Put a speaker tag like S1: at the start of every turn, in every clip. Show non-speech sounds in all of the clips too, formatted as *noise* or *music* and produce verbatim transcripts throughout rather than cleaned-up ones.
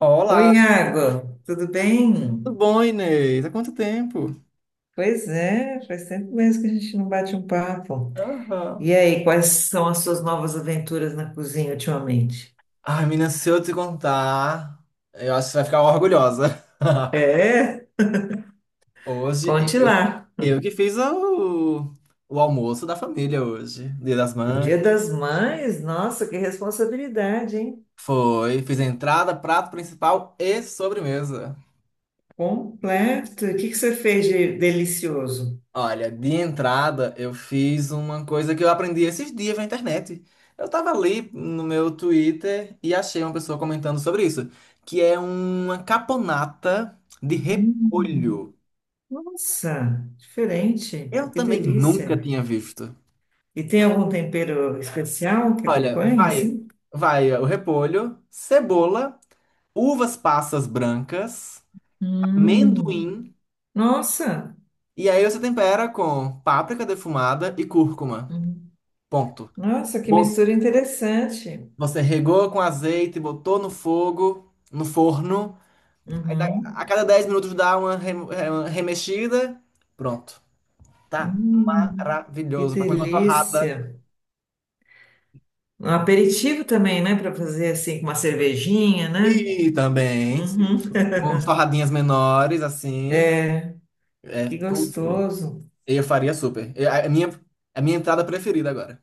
S1: Olá,
S2: Oi, Iago, tudo
S1: tudo
S2: bem?
S1: bom, Inês? Há quanto tempo?
S2: Pois é, faz tempo mesmo que a gente não bate um papo.
S1: Aham.
S2: E aí, quais são as suas novas aventuras na cozinha ultimamente?
S1: Ai, menina, se eu te contar, eu acho que você vai ficar orgulhosa. *laughs*
S2: É,
S1: Hoje,
S2: conte
S1: eu,
S2: lá.
S1: eu que fiz o, o almoço da família hoje, Dia das
S2: No
S1: Mães.
S2: Dia das Mães, nossa, que responsabilidade, hein?
S1: Foi, fiz a entrada, prato principal e sobremesa.
S2: Completo. E o que que você fez de delicioso?
S1: Olha, de entrada eu fiz uma coisa que eu aprendi esses dias na internet. Eu tava ali no meu Twitter e achei uma pessoa comentando sobre isso, que é uma caponata de
S2: Hum,
S1: repolho.
S2: nossa, diferente.
S1: Eu
S2: Que
S1: também nunca
S2: delícia.
S1: tinha visto.
S2: E tem algum tempero especial que
S1: Olha,
S2: acompanhe,
S1: vai,
S2: assim?
S1: vai o repolho, cebola, uvas passas brancas,
S2: Hum,
S1: amendoim,
S2: nossa.
S1: e aí você tempera com páprica defumada e cúrcuma. Ponto.
S2: Nossa, que mistura interessante.
S1: Você regou com azeite, botou no fogo, no forno. Aí dá- a
S2: Uhum.
S1: cada dez minutos dá uma, rem- é, uma remexida. Pronto. Tá
S2: Hum, que
S1: maravilhoso. Pra comer com uma torrada.
S2: delícia. Um aperitivo também, né? Para fazer assim com uma cervejinha, né?
S1: E também, se-
S2: Uhum.
S1: com torradinhas menores, assim. É
S2: Que
S1: tudo.
S2: gostoso.
S1: Eu faria super. Eu- a a minha, a minha entrada preferida agora.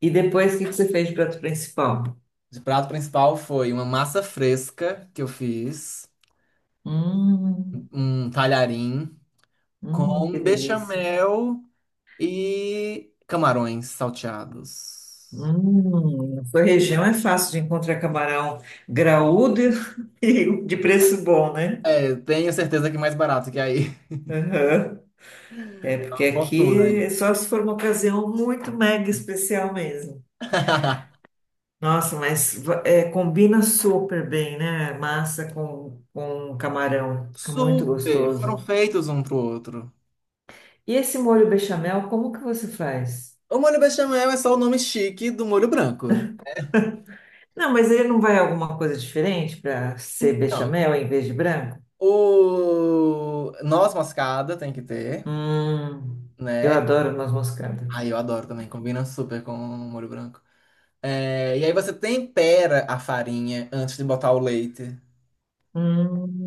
S2: E depois, o que que você fez de prato principal?
S1: De prato principal foi uma massa fresca que eu fiz.
S2: Hum,
S1: Um talharim
S2: hum, que
S1: com
S2: delícia.
S1: bechamel. E camarões salteados.
S2: Hum, na sua região é fácil de encontrar camarão graúdo *laughs* e de preço bom, né?
S1: É, tenho certeza que mais barato que aí. *laughs*
S2: Uhum. É, porque
S1: Uma fortuna
S2: aqui
S1: aí.
S2: é só se for uma ocasião muito mega especial mesmo.
S1: *laughs*
S2: Nossa, mas é, combina super bem, né? Massa com, com camarão. Fica muito
S1: Super! Foram
S2: gostoso.
S1: feitos um pro outro.
S2: E esse molho bechamel, como que você faz?
S1: O molho bechamel é só o nome chique do molho branco.
S2: Não, mas ele não vai alguma coisa diferente para ser
S1: Então,
S2: bechamel em vez de branco?
S1: o noz moscada tem que ter,
S2: Hum, eu
S1: né?
S2: adoro noz moscada.
S1: Ai, eu adoro também, combina super com o molho branco. É, e aí você tempera a farinha antes de botar o leite.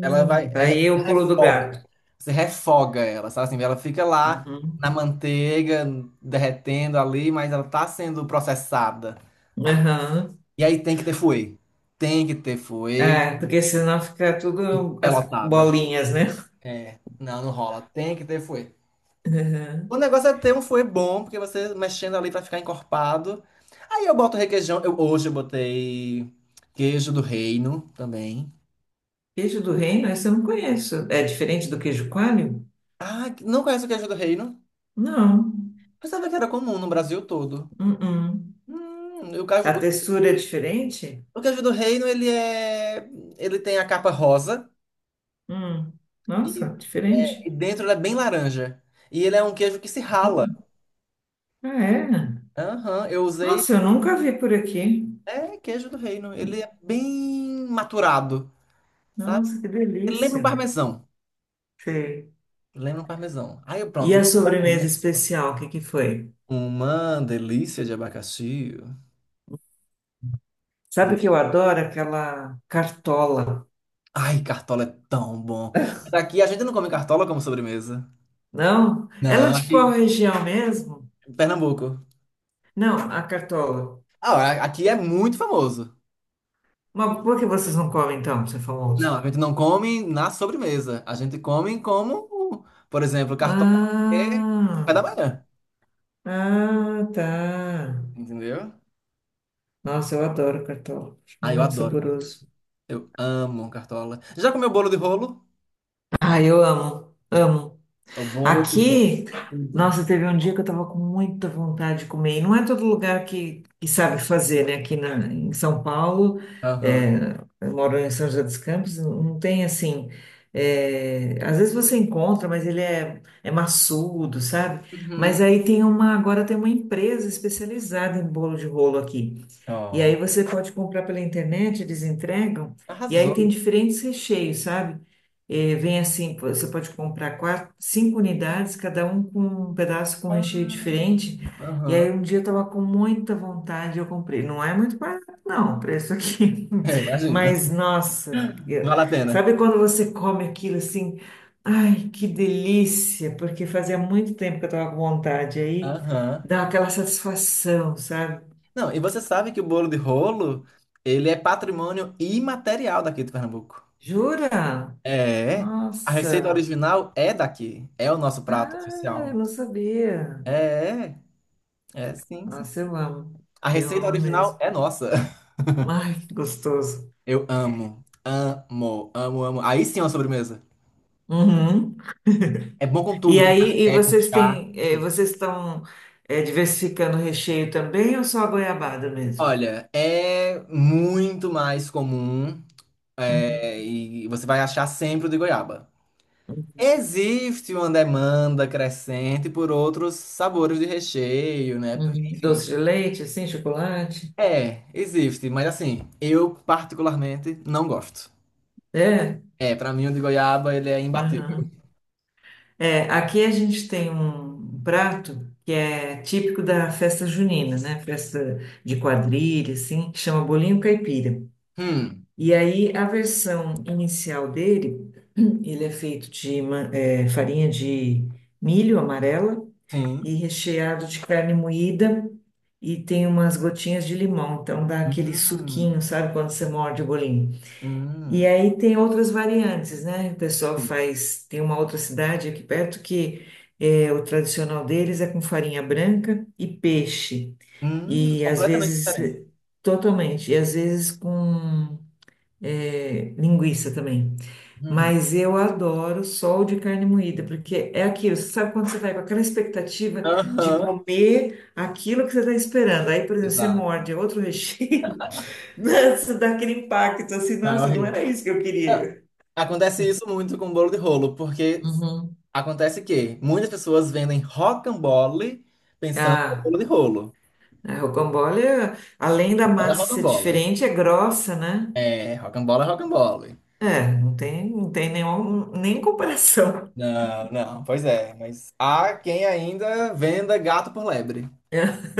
S1: Ela vai,
S2: aí
S1: é,
S2: eu pulo do
S1: refoga.
S2: gato.
S1: Você refoga ela, sabe assim? Ela fica lá
S2: Uhum.
S1: na manteiga, derretendo ali, mas ela tá sendo processada.
S2: Aham.
S1: E aí tem que ter fuê. Tem que ter fuê
S2: É, porque senão fica tudo as
S1: pelotada.
S2: bolinhas, né?
S1: É, não, não rola. Tem que ter fuê. O
S2: Aham.
S1: negócio é ter um fuê bom, porque você mexendo ali pra ficar encorpado. Aí eu boto requeijão. Eu, hoje eu botei queijo do reino também.
S2: Queijo do reino, esse eu não conheço. É diferente do queijo coalho?
S1: Ah, não conheço o queijo do reino?
S2: Não.
S1: Pensava que era comum no Brasil todo.
S2: Uh-uh.
S1: Hum, o, caju-
S2: A textura é diferente?
S1: Porque o livro do reino, ele é. Ele tem a capa rosa
S2: Hum.
S1: e,
S2: Nossa,
S1: é, e
S2: diferente.
S1: dentro ele é bem laranja. E ele é um queijo que se rala.
S2: Ah, é?
S1: Aham, eu usei.
S2: Nossa, eu nunca vi por aqui.
S1: É queijo do reino. Ele é bem maturado, sabe?
S2: Nossa, que
S1: Ele lembra um
S2: delícia.
S1: parmesão.
S2: Sei.
S1: Lembra um parmesão. Aí eu
S2: E
S1: pronto.
S2: a sobremesa especial, o que que foi?
S1: Uma delícia de abacaxi.
S2: Sabe
S1: De-
S2: que eu adoro aquela cartola.
S1: Ai, cartola é tão bom. Mas aqui a gente não come cartola como sobremesa.
S2: Não? Ela é
S1: Não,
S2: de qual
S1: aqui.
S2: região mesmo?
S1: Pernambuco.
S2: Não, a cartola.
S1: Ah, aqui é muito famoso.
S2: Mas por que vocês não comem então, você
S1: Não,
S2: famoso?
S1: a gente não come na sobremesa. A gente come como, por exemplo, cartola é
S2: Ah,
S1: café da manhã.
S2: ah, tá.
S1: Entendeu?
S2: Nossa, eu adoro cartola. Acho
S1: Ah, eu
S2: muito
S1: adoro.
S2: saboroso.
S1: Eu amo cartola. Já comeu bolo de rolo?
S2: Ah, eu amo, amo.
S1: O bolo de rolo.
S2: Aqui,
S1: Tudo.
S2: nossa, teve um dia que eu tava com muita vontade de comer. E não é todo lugar que, que sabe fazer, né? Aqui na, em São Paulo,
S1: Aham.
S2: é, eu moro em São José dos Campos, não tem assim. É, às vezes você encontra, mas ele é, é maçudo, sabe?
S1: Uhum.
S2: Mas aí tem uma, agora tem uma empresa especializada em bolo de rolo aqui. E aí
S1: Ó,
S2: você pode comprar pela internet, eles entregam. E aí tem
S1: arrasou.
S2: diferentes recheios, sabe? Eh, vem assim, você pode comprar quatro, cinco unidades, cada um com um pedaço com um recheio
S1: Ah,
S2: diferente. E aí
S1: aham.
S2: um dia eu estava com muita vontade, eu comprei. Não é muito barato, não, o preço aqui.
S1: É,
S2: *laughs*
S1: imagina.
S2: Mas, nossa, eu-
S1: Vale a pena.
S2: sabe quando você come aquilo assim? Ai, que delícia! Porque fazia muito tempo que eu estava com vontade. Aí
S1: Aham.
S2: dá aquela satisfação, sabe?
S1: Não, e você sabe que o bolo de rolo, ele é patrimônio imaterial daqui de Pernambuco.
S2: Jura?
S1: É, a receita
S2: Nossa!
S1: original é daqui, é o nosso prato
S2: Ah, eu
S1: oficial.
S2: não sabia.
S1: É, é, sim, sim. sim.
S2: Nossa, eu amo.
S1: A
S2: Eu
S1: receita
S2: amo
S1: original
S2: mesmo.
S1: é nossa. *laughs*
S2: Ai, que gostoso.
S1: Eu amo, amo, amo, amo. Aí sim é uma sobremesa.
S2: Uhum.
S1: É bom com
S2: E
S1: tudo, com
S2: aí, e
S1: café, com
S2: vocês
S1: chá,
S2: têm,
S1: com
S2: eh,
S1: tudo.
S2: vocês estão eh, diversificando o recheio também ou só a goiabada mesmo?
S1: Olha, é muito mais comum,
S2: Uhum.
S1: é, e você vai achar sempre o de goiaba. Existe uma demanda crescente por outros sabores de recheio, né?
S2: Uhum. Doce de leite, assim, chocolate?
S1: É, existe, mas assim, eu particularmente não gosto.
S2: É?
S1: É, pra mim o de goiaba ele é imbatível.
S2: Uhum. É, aqui a gente tem um prato que é típico da festa junina, né? Festa de quadrilha, assim, que chama bolinho caipira.
S1: Hum,
S2: E aí, a versão inicial dele, *clears throat* ele é feito de ma- eh, farinha de milho amarela e
S1: sim.
S2: recheado de carne moída e tem umas gotinhas de limão, então dá aquele suquinho,
S1: Hum,
S2: sabe, quando você morde o bolinho. E
S1: hum,
S2: aí tem outras variantes, né? O pessoal
S1: sim.
S2: faz, tem uma outra cidade aqui perto que eh, o tradicional deles é com farinha branca e peixe.
S1: Hum,
S2: E às
S1: completamente
S2: vezes,
S1: diferente.
S2: totalmente, e às vezes com é, linguiça também.
S1: Hum.
S2: Mas eu adoro sol de carne moída, porque é aquilo, você sabe quando você vai com aquela expectativa de
S1: Aham.
S2: comer aquilo que você está esperando. Aí, por exemplo, você
S1: Exato.
S2: morde outro recheio, *laughs* nossa, dá aquele impacto assim,
S1: Não, é
S2: nossa, não
S1: horrível.
S2: era isso que eu
S1: Não,
S2: queria.
S1: acontece isso muito com bolo de rolo, porque
S2: Uhum.
S1: acontece que muitas pessoas vendem rocambole pensando em
S2: Ah,
S1: bolo de rolo.
S2: a rocambole, é, além da
S1: Bola é
S2: massa ser
S1: rocambole.
S2: diferente, é grossa, né?
S1: É, rocambole é rocambole.
S2: É, não tem, não tem nenhum, nem comparação.
S1: Não, não, pois é, mas há quem ainda venda gato por lebre.
S2: *laughs*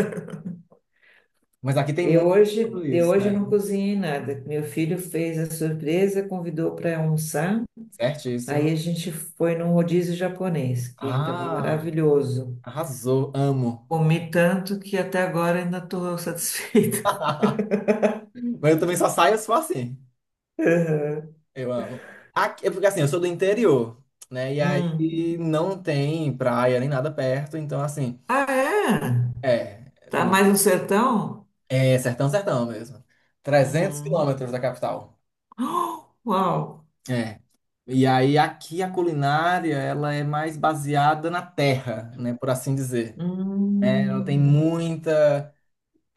S1: Mas aqui tem
S2: Eu
S1: muito
S2: hoje, eu
S1: isso,
S2: hoje
S1: né?
S2: não cozinhei nada. Meu filho fez a surpresa, convidou para almoçar. Aí
S1: Certíssimo.
S2: a gente foi num rodízio japonês, que estava
S1: Ah,
S2: maravilhoso.
S1: arrasou, amo.
S2: Comi tanto que até agora ainda estou satisfeita.
S1: *laughs* Mas eu também só saio se for assim.
S2: *laughs*
S1: Eu amo. Aqui, é porque assim, eu sou do interior, né? E
S2: Aham.
S1: aí
S2: Hum.
S1: não tem praia nem nada perto, então assim,
S2: Ah, é?
S1: é,
S2: Tá mais no sertão?
S1: é sertão, sertão mesmo. trezentos
S2: Uhum.
S1: quilômetros da capital.
S2: *gasps* Oh, uau!
S1: É. E aí aqui a culinária, ela é mais baseada na terra, né, por assim dizer. Ela tem
S2: Hum.
S1: muita,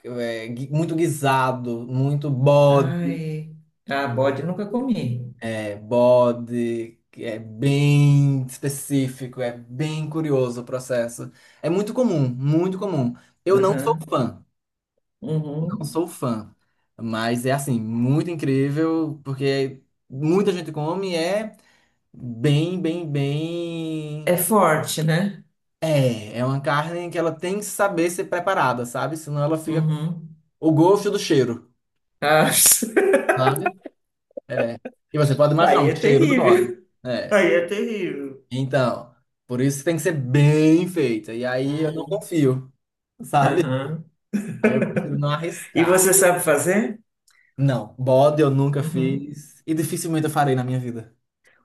S1: é, gui- muito guisado, muito bode,
S2: Ai. Ah, bode nunca comi.
S1: é, bode, que é bem específico, é bem curioso o processo. É muito comum, muito comum. Eu não sou
S2: Aham.
S1: fã, não
S2: Uhum.
S1: sou fã, mas é assim, muito incrível, porque muita gente come e é bem, bem,
S2: É
S1: bem.
S2: forte, né?
S1: É, é uma carne que ela tem que saber ser preparada, sabe? Senão ela fica com
S2: Uhum.
S1: o gosto do cheiro,
S2: Ah. *laughs*
S1: sabe? É. E você pode imaginar
S2: Aí
S1: o
S2: é
S1: cheiro do bode.
S2: terrível. *laughs*
S1: É.
S2: Aí é terrível.
S1: Então, por isso tem que ser bem feita. E aí eu não
S2: Hum,
S1: confio, sabe?
S2: Aham.
S1: Aí eu prefiro não
S2: E
S1: arriscar.
S2: você sabe fazer?
S1: Não, bode eu nunca
S2: Uhum.
S1: fiz e dificilmente eu farei na minha vida.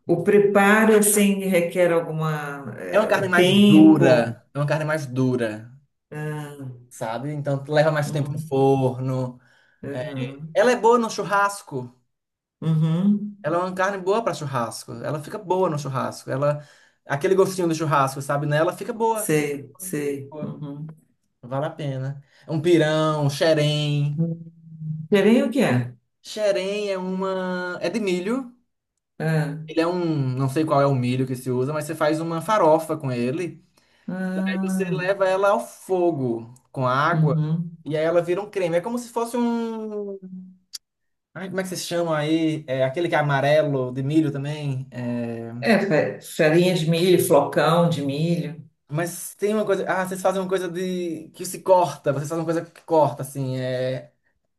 S2: O preparo, assim, requer alguma,
S1: É uma
S2: eh,
S1: carne
S2: o
S1: mais
S2: tempo.
S1: dura, é uma carne mais dura,
S2: Ah,
S1: sabe? Então leva mais tempo no
S2: uhum.
S1: forno. É,
S2: Uhum,
S1: ela é boa no churrasco.
S2: uhum,
S1: Ela é uma carne boa para churrasco. Ela fica boa no churrasco. Ela, aquele gostinho do churrasco, sabe? Nela fica boa. Fica
S2: sei, sei,
S1: boa.
S2: uhum.
S1: Vale a pena. Um pirão, um xerém.
S2: Hum, farinha o que é?
S1: Xerém é uma. É de milho.
S2: Ah,
S1: Ele é um. Não sei qual é o milho que se usa, mas você faz uma farofa com ele. Aí você
S2: ah,
S1: leva ela ao fogo com água.
S2: uhum.
S1: E aí ela vira um creme. É como se fosse um. Ai, como é que vocês chamam aí? É aquele que é amarelo de milho também. É...
S2: É, fa- farinha de milho, flocão de milho.
S1: Mas tem uma coisa. Ah, vocês fazem uma coisa de. Que se corta. Vocês fazem uma coisa que corta, assim. É...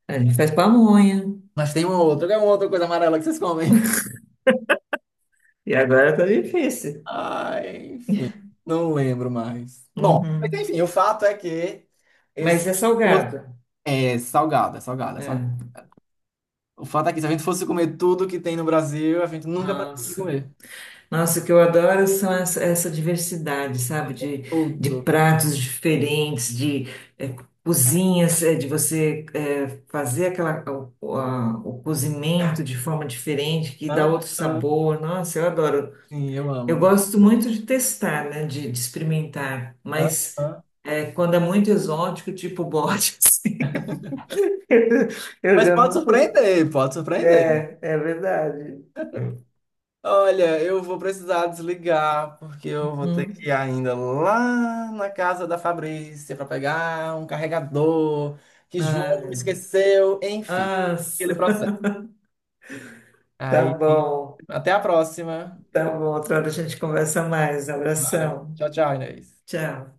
S2: A gente faz pamonha.
S1: Mas tem uma outra. Qual é uma outra coisa amarela que vocês comem?
S2: E agora tá
S1: *laughs*
S2: difícil.
S1: Ai, enfim. Não lembro mais. Bom, mas
S2: Uhum.
S1: enfim, o fato é que. Esse...
S2: Mas é salgado.
S1: É salgado, é salgado, é salgado.
S2: Ah.
S1: O fato é que se a gente fosse comer tudo que tem no Brasil, a gente nunca pararia de
S2: Nossa,
S1: comer.
S2: nossa, o que eu adoro são essa, essa diversidade,
S1: Ah,
S2: sabe?
S1: é
S2: De, de
S1: tudo.
S2: pratos diferentes, de eh, cozinhas, eh, de você eh, fazer aquela, o, a- o cozimento de forma diferente, que dá
S1: Hã?
S2: outro
S1: Hã?
S2: sabor. Nossa, eu adoro.
S1: Sim, eu
S2: Eu
S1: amo. Tá.
S2: gosto muito de testar, né? De, de experimentar,
S1: Hã?
S2: mas
S1: Hã?
S2: eh, quando é muito exótico, tipo bote, *laughs* assim, *laughs* eu
S1: Mas
S2: já
S1: pode
S2: não. cons-
S1: surpreender, pode surpreender.
S2: É, é verdade.
S1: Olha, eu vou precisar desligar, porque eu vou ter que
S2: Hum.
S1: ir ainda lá na casa da Fabrícia para pegar um carregador que
S2: Ah, meu
S1: João me
S2: Deus.
S1: esqueceu, enfim, aquele
S2: Nossa.
S1: processo.
S2: Tá
S1: Aí,
S2: bom,
S1: até a próxima.
S2: tá bom. Outra hora a gente conversa mais.
S1: Vai.
S2: Abração.
S1: Tchau, tchau, Inês.
S2: Tchau.